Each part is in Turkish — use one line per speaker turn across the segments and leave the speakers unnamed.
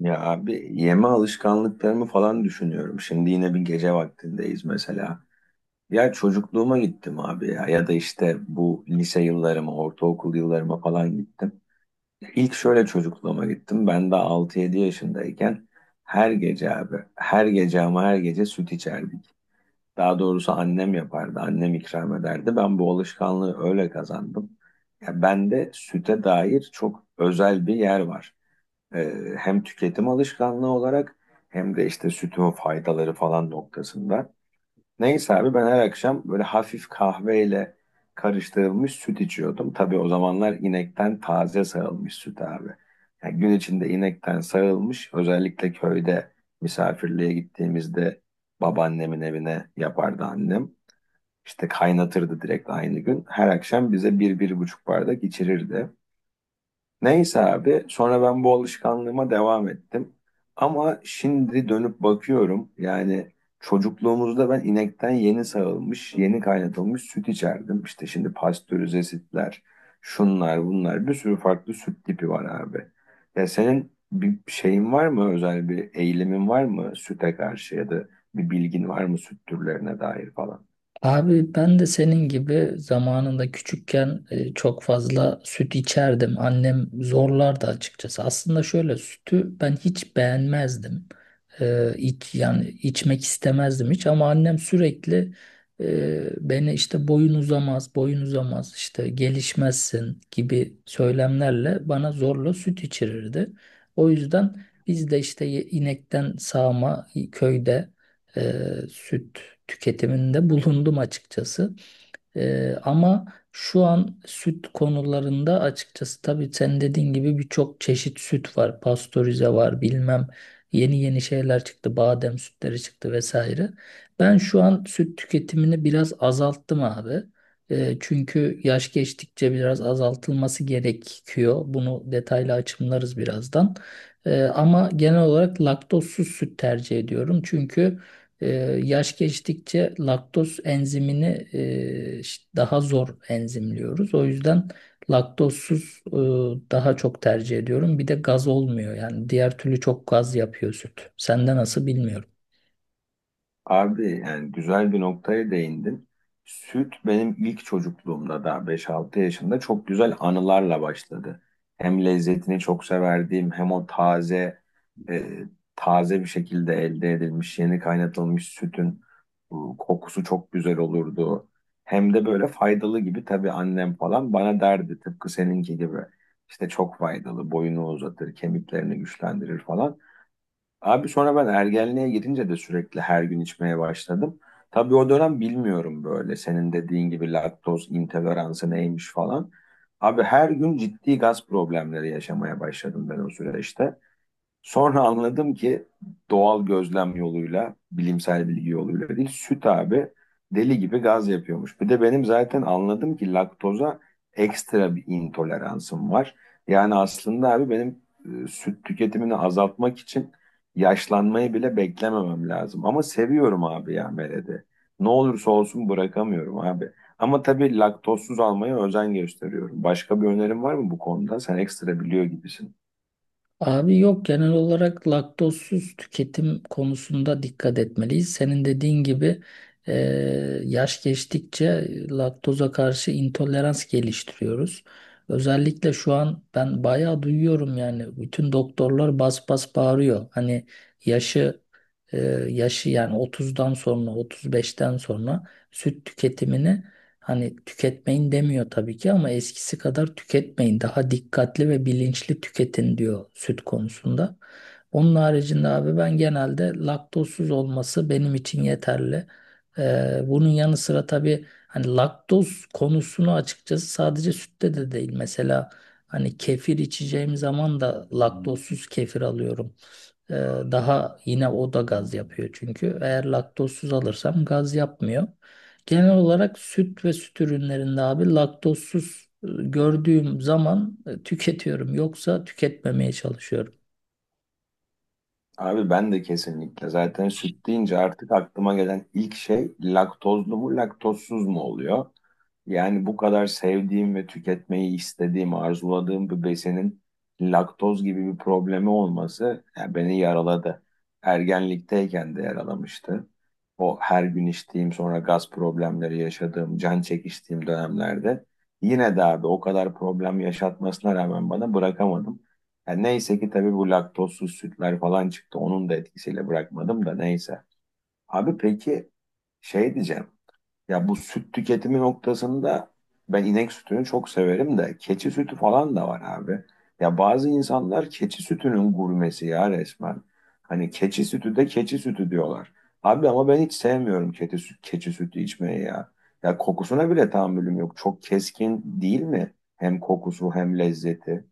Ya abi yeme alışkanlıklarımı falan düşünüyorum. Şimdi yine bir gece vaktindeyiz mesela. Ya çocukluğuma gittim abi ya da işte bu lise yıllarıma, ortaokul yıllarıma falan gittim. İlk şöyle çocukluğuma gittim. Ben de 6-7 yaşındayken her gece abi, her gece ama her gece süt içerdik. Daha doğrusu annem yapardı, annem ikram ederdi. Ben bu alışkanlığı öyle kazandım. Ya bende süte dair çok özel bir yer var. Hem tüketim alışkanlığı olarak hem de işte sütün faydaları falan noktasında. Neyse abi ben her akşam böyle hafif kahveyle karıştırılmış süt içiyordum. Tabii o zamanlar inekten taze sağılmış süt abi. Yani gün içinde inekten sağılmış, özellikle köyde misafirliğe gittiğimizde babaannemin evine yapardı annem. İşte kaynatırdı direkt aynı gün. Her akşam bize bir, bir buçuk bardak içirirdi. Neyse abi sonra ben bu alışkanlığıma devam ettim. Ama şimdi dönüp bakıyorum yani çocukluğumuzda ben inekten yeni sağılmış, yeni kaynatılmış süt içerdim. İşte şimdi pastörize sütler, şunlar bunlar, bir sürü farklı süt tipi var abi. Ya senin bir şeyin var mı, özel bir eğilimin var mı süte karşı, ya da bir bilgin var mı süt türlerine dair falan?
Abi ben de senin gibi zamanında küçükken çok fazla süt içerdim. Annem zorlardı açıkçası. Aslında şöyle sütü ben hiç beğenmezdim. Yani içmek istemezdim hiç ama annem sürekli beni işte boyun uzamaz, boyun uzamaz, işte gelişmezsin gibi söylemlerle bana zorla süt içirirdi. O yüzden biz de işte inekten sağma köyde e, süt tüketiminde bulundum açıkçası. Ama şu an süt konularında açıkçası tabii sen dediğin gibi birçok çeşit süt var. Pastörize var bilmem yeni yeni şeyler çıktı. Badem sütleri çıktı vesaire. Ben şu an süt tüketimini biraz azalttım abi. Çünkü yaş geçtikçe biraz azaltılması gerekiyor. Bunu detaylı açımlarız birazdan. Ama genel olarak laktozsuz süt tercih ediyorum. Çünkü ee, yaş geçtikçe laktoz enzimini daha zor enzimliyoruz. O yüzden laktozsuz daha çok tercih ediyorum. Bir de gaz olmuyor yani diğer türlü çok gaz yapıyor süt. Sende nasıl bilmiyorum.
Abi yani güzel bir noktaya değindin. Süt benim ilk çocukluğumda da beş altı yaşında çok güzel anılarla başladı. Hem lezzetini çok severdiğim, hem o e, taze bir şekilde elde edilmiş yeni kaynatılmış sütün kokusu çok güzel olurdu. Hem de böyle faydalı gibi, tabii annem falan bana derdi, tıpkı seninki gibi. İşte çok faydalı, boyunu uzatır, kemiklerini güçlendirir falan. Abi sonra ben ergenliğe girince de sürekli her gün içmeye başladım. Tabii o dönem bilmiyorum böyle senin dediğin gibi laktoz intoleransı neymiş falan. Abi her gün ciddi gaz problemleri yaşamaya başladım ben o süreçte. Sonra anladım ki, doğal gözlem yoluyla, bilimsel bilgi yoluyla değil, süt abi deli gibi gaz yapıyormuş. Bir de benim zaten anladım ki laktoza ekstra bir intoleransım var. Yani aslında abi benim süt tüketimini azaltmak için yaşlanmayı bile beklememem lazım. Ama seviyorum abi ya Mered'i. Ne olursa olsun bırakamıyorum abi. Ama tabii laktozsuz almaya özen gösteriyorum. Başka bir önerim var mı bu konuda? Sen ekstra biliyor gibisin.
Abi yok, genel olarak laktozsuz tüketim konusunda dikkat etmeliyiz. Senin dediğin gibi e, yaş geçtikçe laktoza karşı intolerans geliştiriyoruz. Özellikle şu an ben bayağı duyuyorum, yani bütün doktorlar bas bas bağırıyor. Hani yaşı e, yaşı yani 30'dan sonra, 35'ten sonra süt tüketimini, hani tüketmeyin demiyor tabii ki ama eskisi kadar tüketmeyin. Daha dikkatli ve bilinçli tüketin diyor süt konusunda. Onun haricinde abi ben genelde laktozsuz olması benim için yeterli. Bunun yanı sıra tabii hani laktoz konusunu açıkçası sadece sütte de değil. Mesela hani kefir içeceğim zaman da laktozsuz kefir alıyorum. Ee, Daha yine o da gaz yapıyor çünkü. Eğer laktozsuz alırsam gaz yapmıyor. Genel olarak süt ve süt ürünlerinde abi laktozsuz gördüğüm zaman tüketiyorum. Yoksa tüketmemeye çalışıyorum.
Abi ben de kesinlikle. Zaten süt deyince artık aklıma gelen ilk şey laktozlu mu laktozsuz mu oluyor? Yani bu kadar sevdiğim ve tüketmeyi istediğim, arzuladığım bir besinin laktoz gibi bir problemi olması yani beni yaraladı. Ergenlikteyken de yaralamıştı. O her gün içtiğim, sonra gaz problemleri yaşadığım, can çekiştiğim dönemlerde yine de abi o kadar problem yaşatmasına rağmen bana bırakamadım. Yani neyse ki tabii bu laktozsuz sütler falan çıktı. Onun da etkisiyle bırakmadım da, neyse. Abi peki, şey diyeceğim. Ya bu süt tüketimi noktasında ben inek sütünü çok severim de keçi sütü falan da var abi. Ya bazı insanlar keçi sütünün gurmesi ya resmen. Hani keçi sütü de keçi sütü diyorlar. Abi ama ben hiç sevmiyorum keçi sütü içmeyi ya. Ya kokusuna bile tahammülüm yok. Çok keskin değil mi? Hem kokusu hem lezzeti.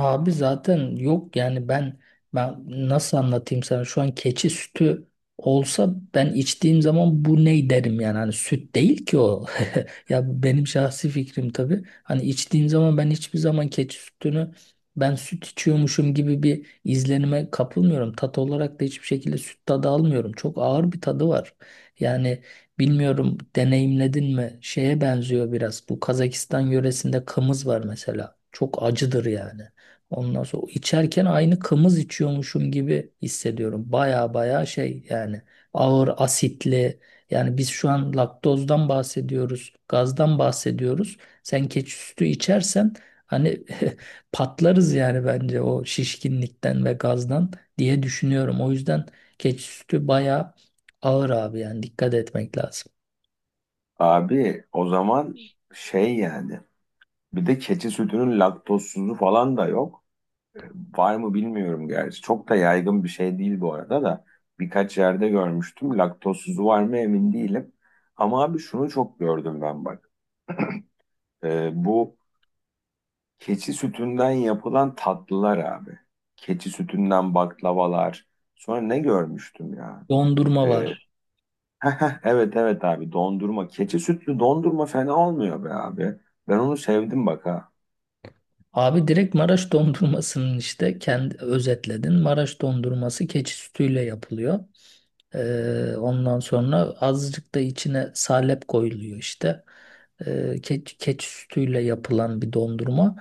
Abi zaten yok yani ben nasıl anlatayım sana, şu an keçi sütü olsa ben içtiğim zaman bu ne derim yani, hani süt değil ki o. Ya benim şahsi fikrim tabii, hani içtiğim zaman ben hiçbir zaman keçi sütünü ben süt içiyormuşum gibi bir izlenime kapılmıyorum, tat olarak da hiçbir şekilde süt tadı almıyorum, çok ağır bir tadı var yani. Bilmiyorum deneyimledin mi, şeye benziyor biraz bu Kazakistan yöresinde kımız var mesela, çok acıdır yani. Ondan sonra içerken aynı kımız içiyormuşum gibi hissediyorum. Baya baya şey yani, ağır asitli. Yani biz şu an laktozdan bahsediyoruz, gazdan bahsediyoruz. Sen keçi sütü içersen hani patlarız yani, bence o şişkinlikten ve gazdan diye düşünüyorum. O yüzden keçi sütü baya ağır abi, yani dikkat etmek lazım.
Abi o zaman şey yani, bir de keçi sütünün laktozsuzu falan da yok. E, Var mı bilmiyorum gerçi. Çok da yaygın bir şey değil bu arada da. Birkaç yerde görmüştüm. Laktozsuzu var mı emin değilim. Ama abi şunu çok gördüm ben bak. Bu keçi sütünden yapılan tatlılar abi. Keçi sütünden baklavalar. Sonra ne görmüştüm ya?
Dondurma
E,
var.
evet evet abi, dondurma. Keçi sütlü dondurma fena olmuyor be abi. Ben onu sevdim bak ha.
Abi direkt Maraş dondurmasının işte kendi özetledin. Maraş dondurması keçi sütüyle yapılıyor. Ondan sonra azıcık da içine salep koyuluyor işte. Keçi sütüyle yapılan bir dondurma.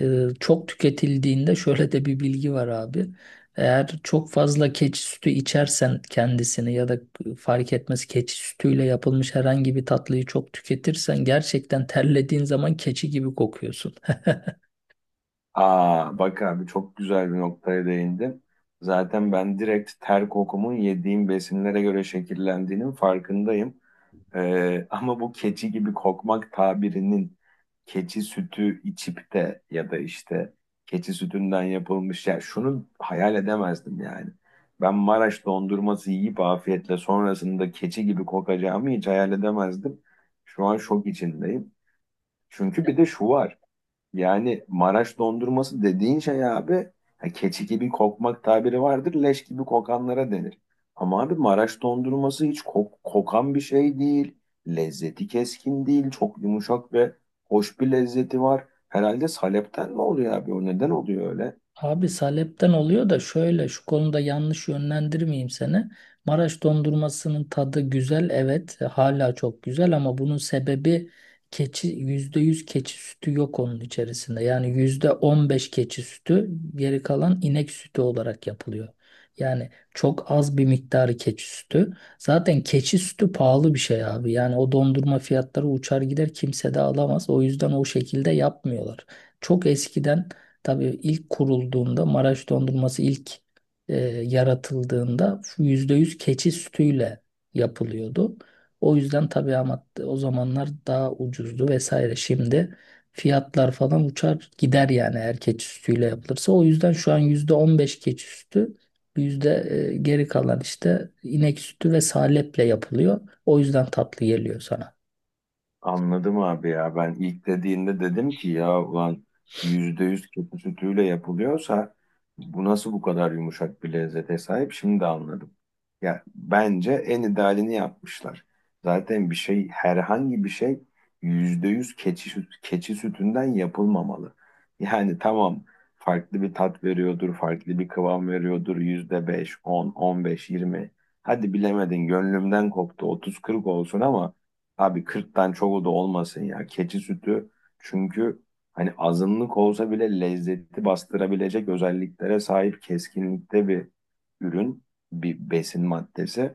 Çok tüketildiğinde şöyle de bir bilgi var abi. Eğer çok fazla keçi sütü içersen kendisini, ya da fark etmez keçi sütüyle yapılmış herhangi bir tatlıyı çok tüketirsen, gerçekten terlediğin zaman keçi gibi kokuyorsun.
Aa bak abi, çok güzel bir noktaya değindin. Zaten ben direkt ter kokumun yediğim besinlere göre şekillendiğinin farkındayım. Ama bu keçi gibi kokmak tabirinin, keçi sütü içip de ya da işte keçi sütünden yapılmış, ya şunu hayal edemezdim yani. Ben Maraş dondurması yiyip afiyetle sonrasında keçi gibi kokacağımı hiç hayal edemezdim. Şu an şok içindeyim. Çünkü bir de şu var. Yani Maraş dondurması dediğin şey abi, ha, keçi gibi kokmak tabiri vardır, leş gibi kokanlara denir. Ama abi Maraş dondurması hiç kokan bir şey değil. Lezzeti keskin değil. Çok yumuşak ve hoş bir lezzeti var. Herhalde salepten mi oluyor abi? O neden oluyor öyle?
Abi salepten oluyor da, şöyle şu konuda yanlış yönlendirmeyeyim seni. Maraş dondurmasının tadı güzel, evet hala çok güzel, ama bunun sebebi keçi, %100 keçi sütü yok onun içerisinde. Yani %15 keçi sütü, geri kalan inek sütü olarak yapılıyor. Yani çok az bir miktarı keçi sütü. Zaten keçi sütü pahalı bir şey abi. Yani o dondurma fiyatları uçar gider, kimse de alamaz. O yüzden o şekilde yapmıyorlar. Çok eskiden, tabii ilk kurulduğunda Maraş dondurması ilk yaratıldığında %100 keçi sütüyle yapılıyordu. O yüzden tabii, ama o zamanlar daha ucuzdu vesaire. Şimdi fiyatlar falan uçar gider yani, eğer keçi sütüyle yapılırsa. O yüzden şu an %15 keçi sütü, yüzde geri kalan işte inek sütü ve saleple yapılıyor. O yüzden tatlı geliyor sana.
Anladım abi ya. Ben ilk dediğinde dedim ki ya ulan, %100 keçi sütüyle yapılıyorsa bu nasıl bu kadar yumuşak bir lezzete sahip? Şimdi de anladım. Ya bence en idealini yapmışlar. Zaten bir şey, herhangi bir şey %100 keçi sütünden yapılmamalı. Yani tamam, farklı bir tat veriyordur, farklı bir kıvam veriyordur. %5, on, on beş, yirmi. Hadi bilemedin gönlümden koptu. Otuz kırk olsun, ama abi kırktan çoğu da olmasın ya. Keçi sütü çünkü, hani azınlık olsa bile lezzeti bastırabilecek özelliklere sahip keskinlikte bir ürün, bir besin maddesi.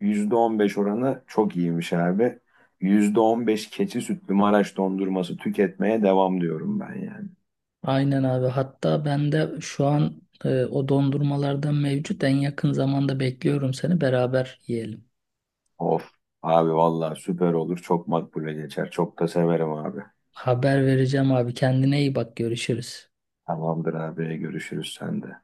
%15 oranı çok iyiymiş abi. %15 keçi sütlü Maraş dondurması tüketmeye devam diyorum ben yani.
Aynen abi. Hatta ben de şu an o dondurmalardan mevcut. En yakın zamanda bekliyorum seni. Beraber yiyelim.
Of abi vallahi süper olur. Çok makbule geçer. Çok da severim abi.
Haber vereceğim abi. Kendine iyi bak. Görüşürüz.
Tamamdır abi, görüşürüz sende.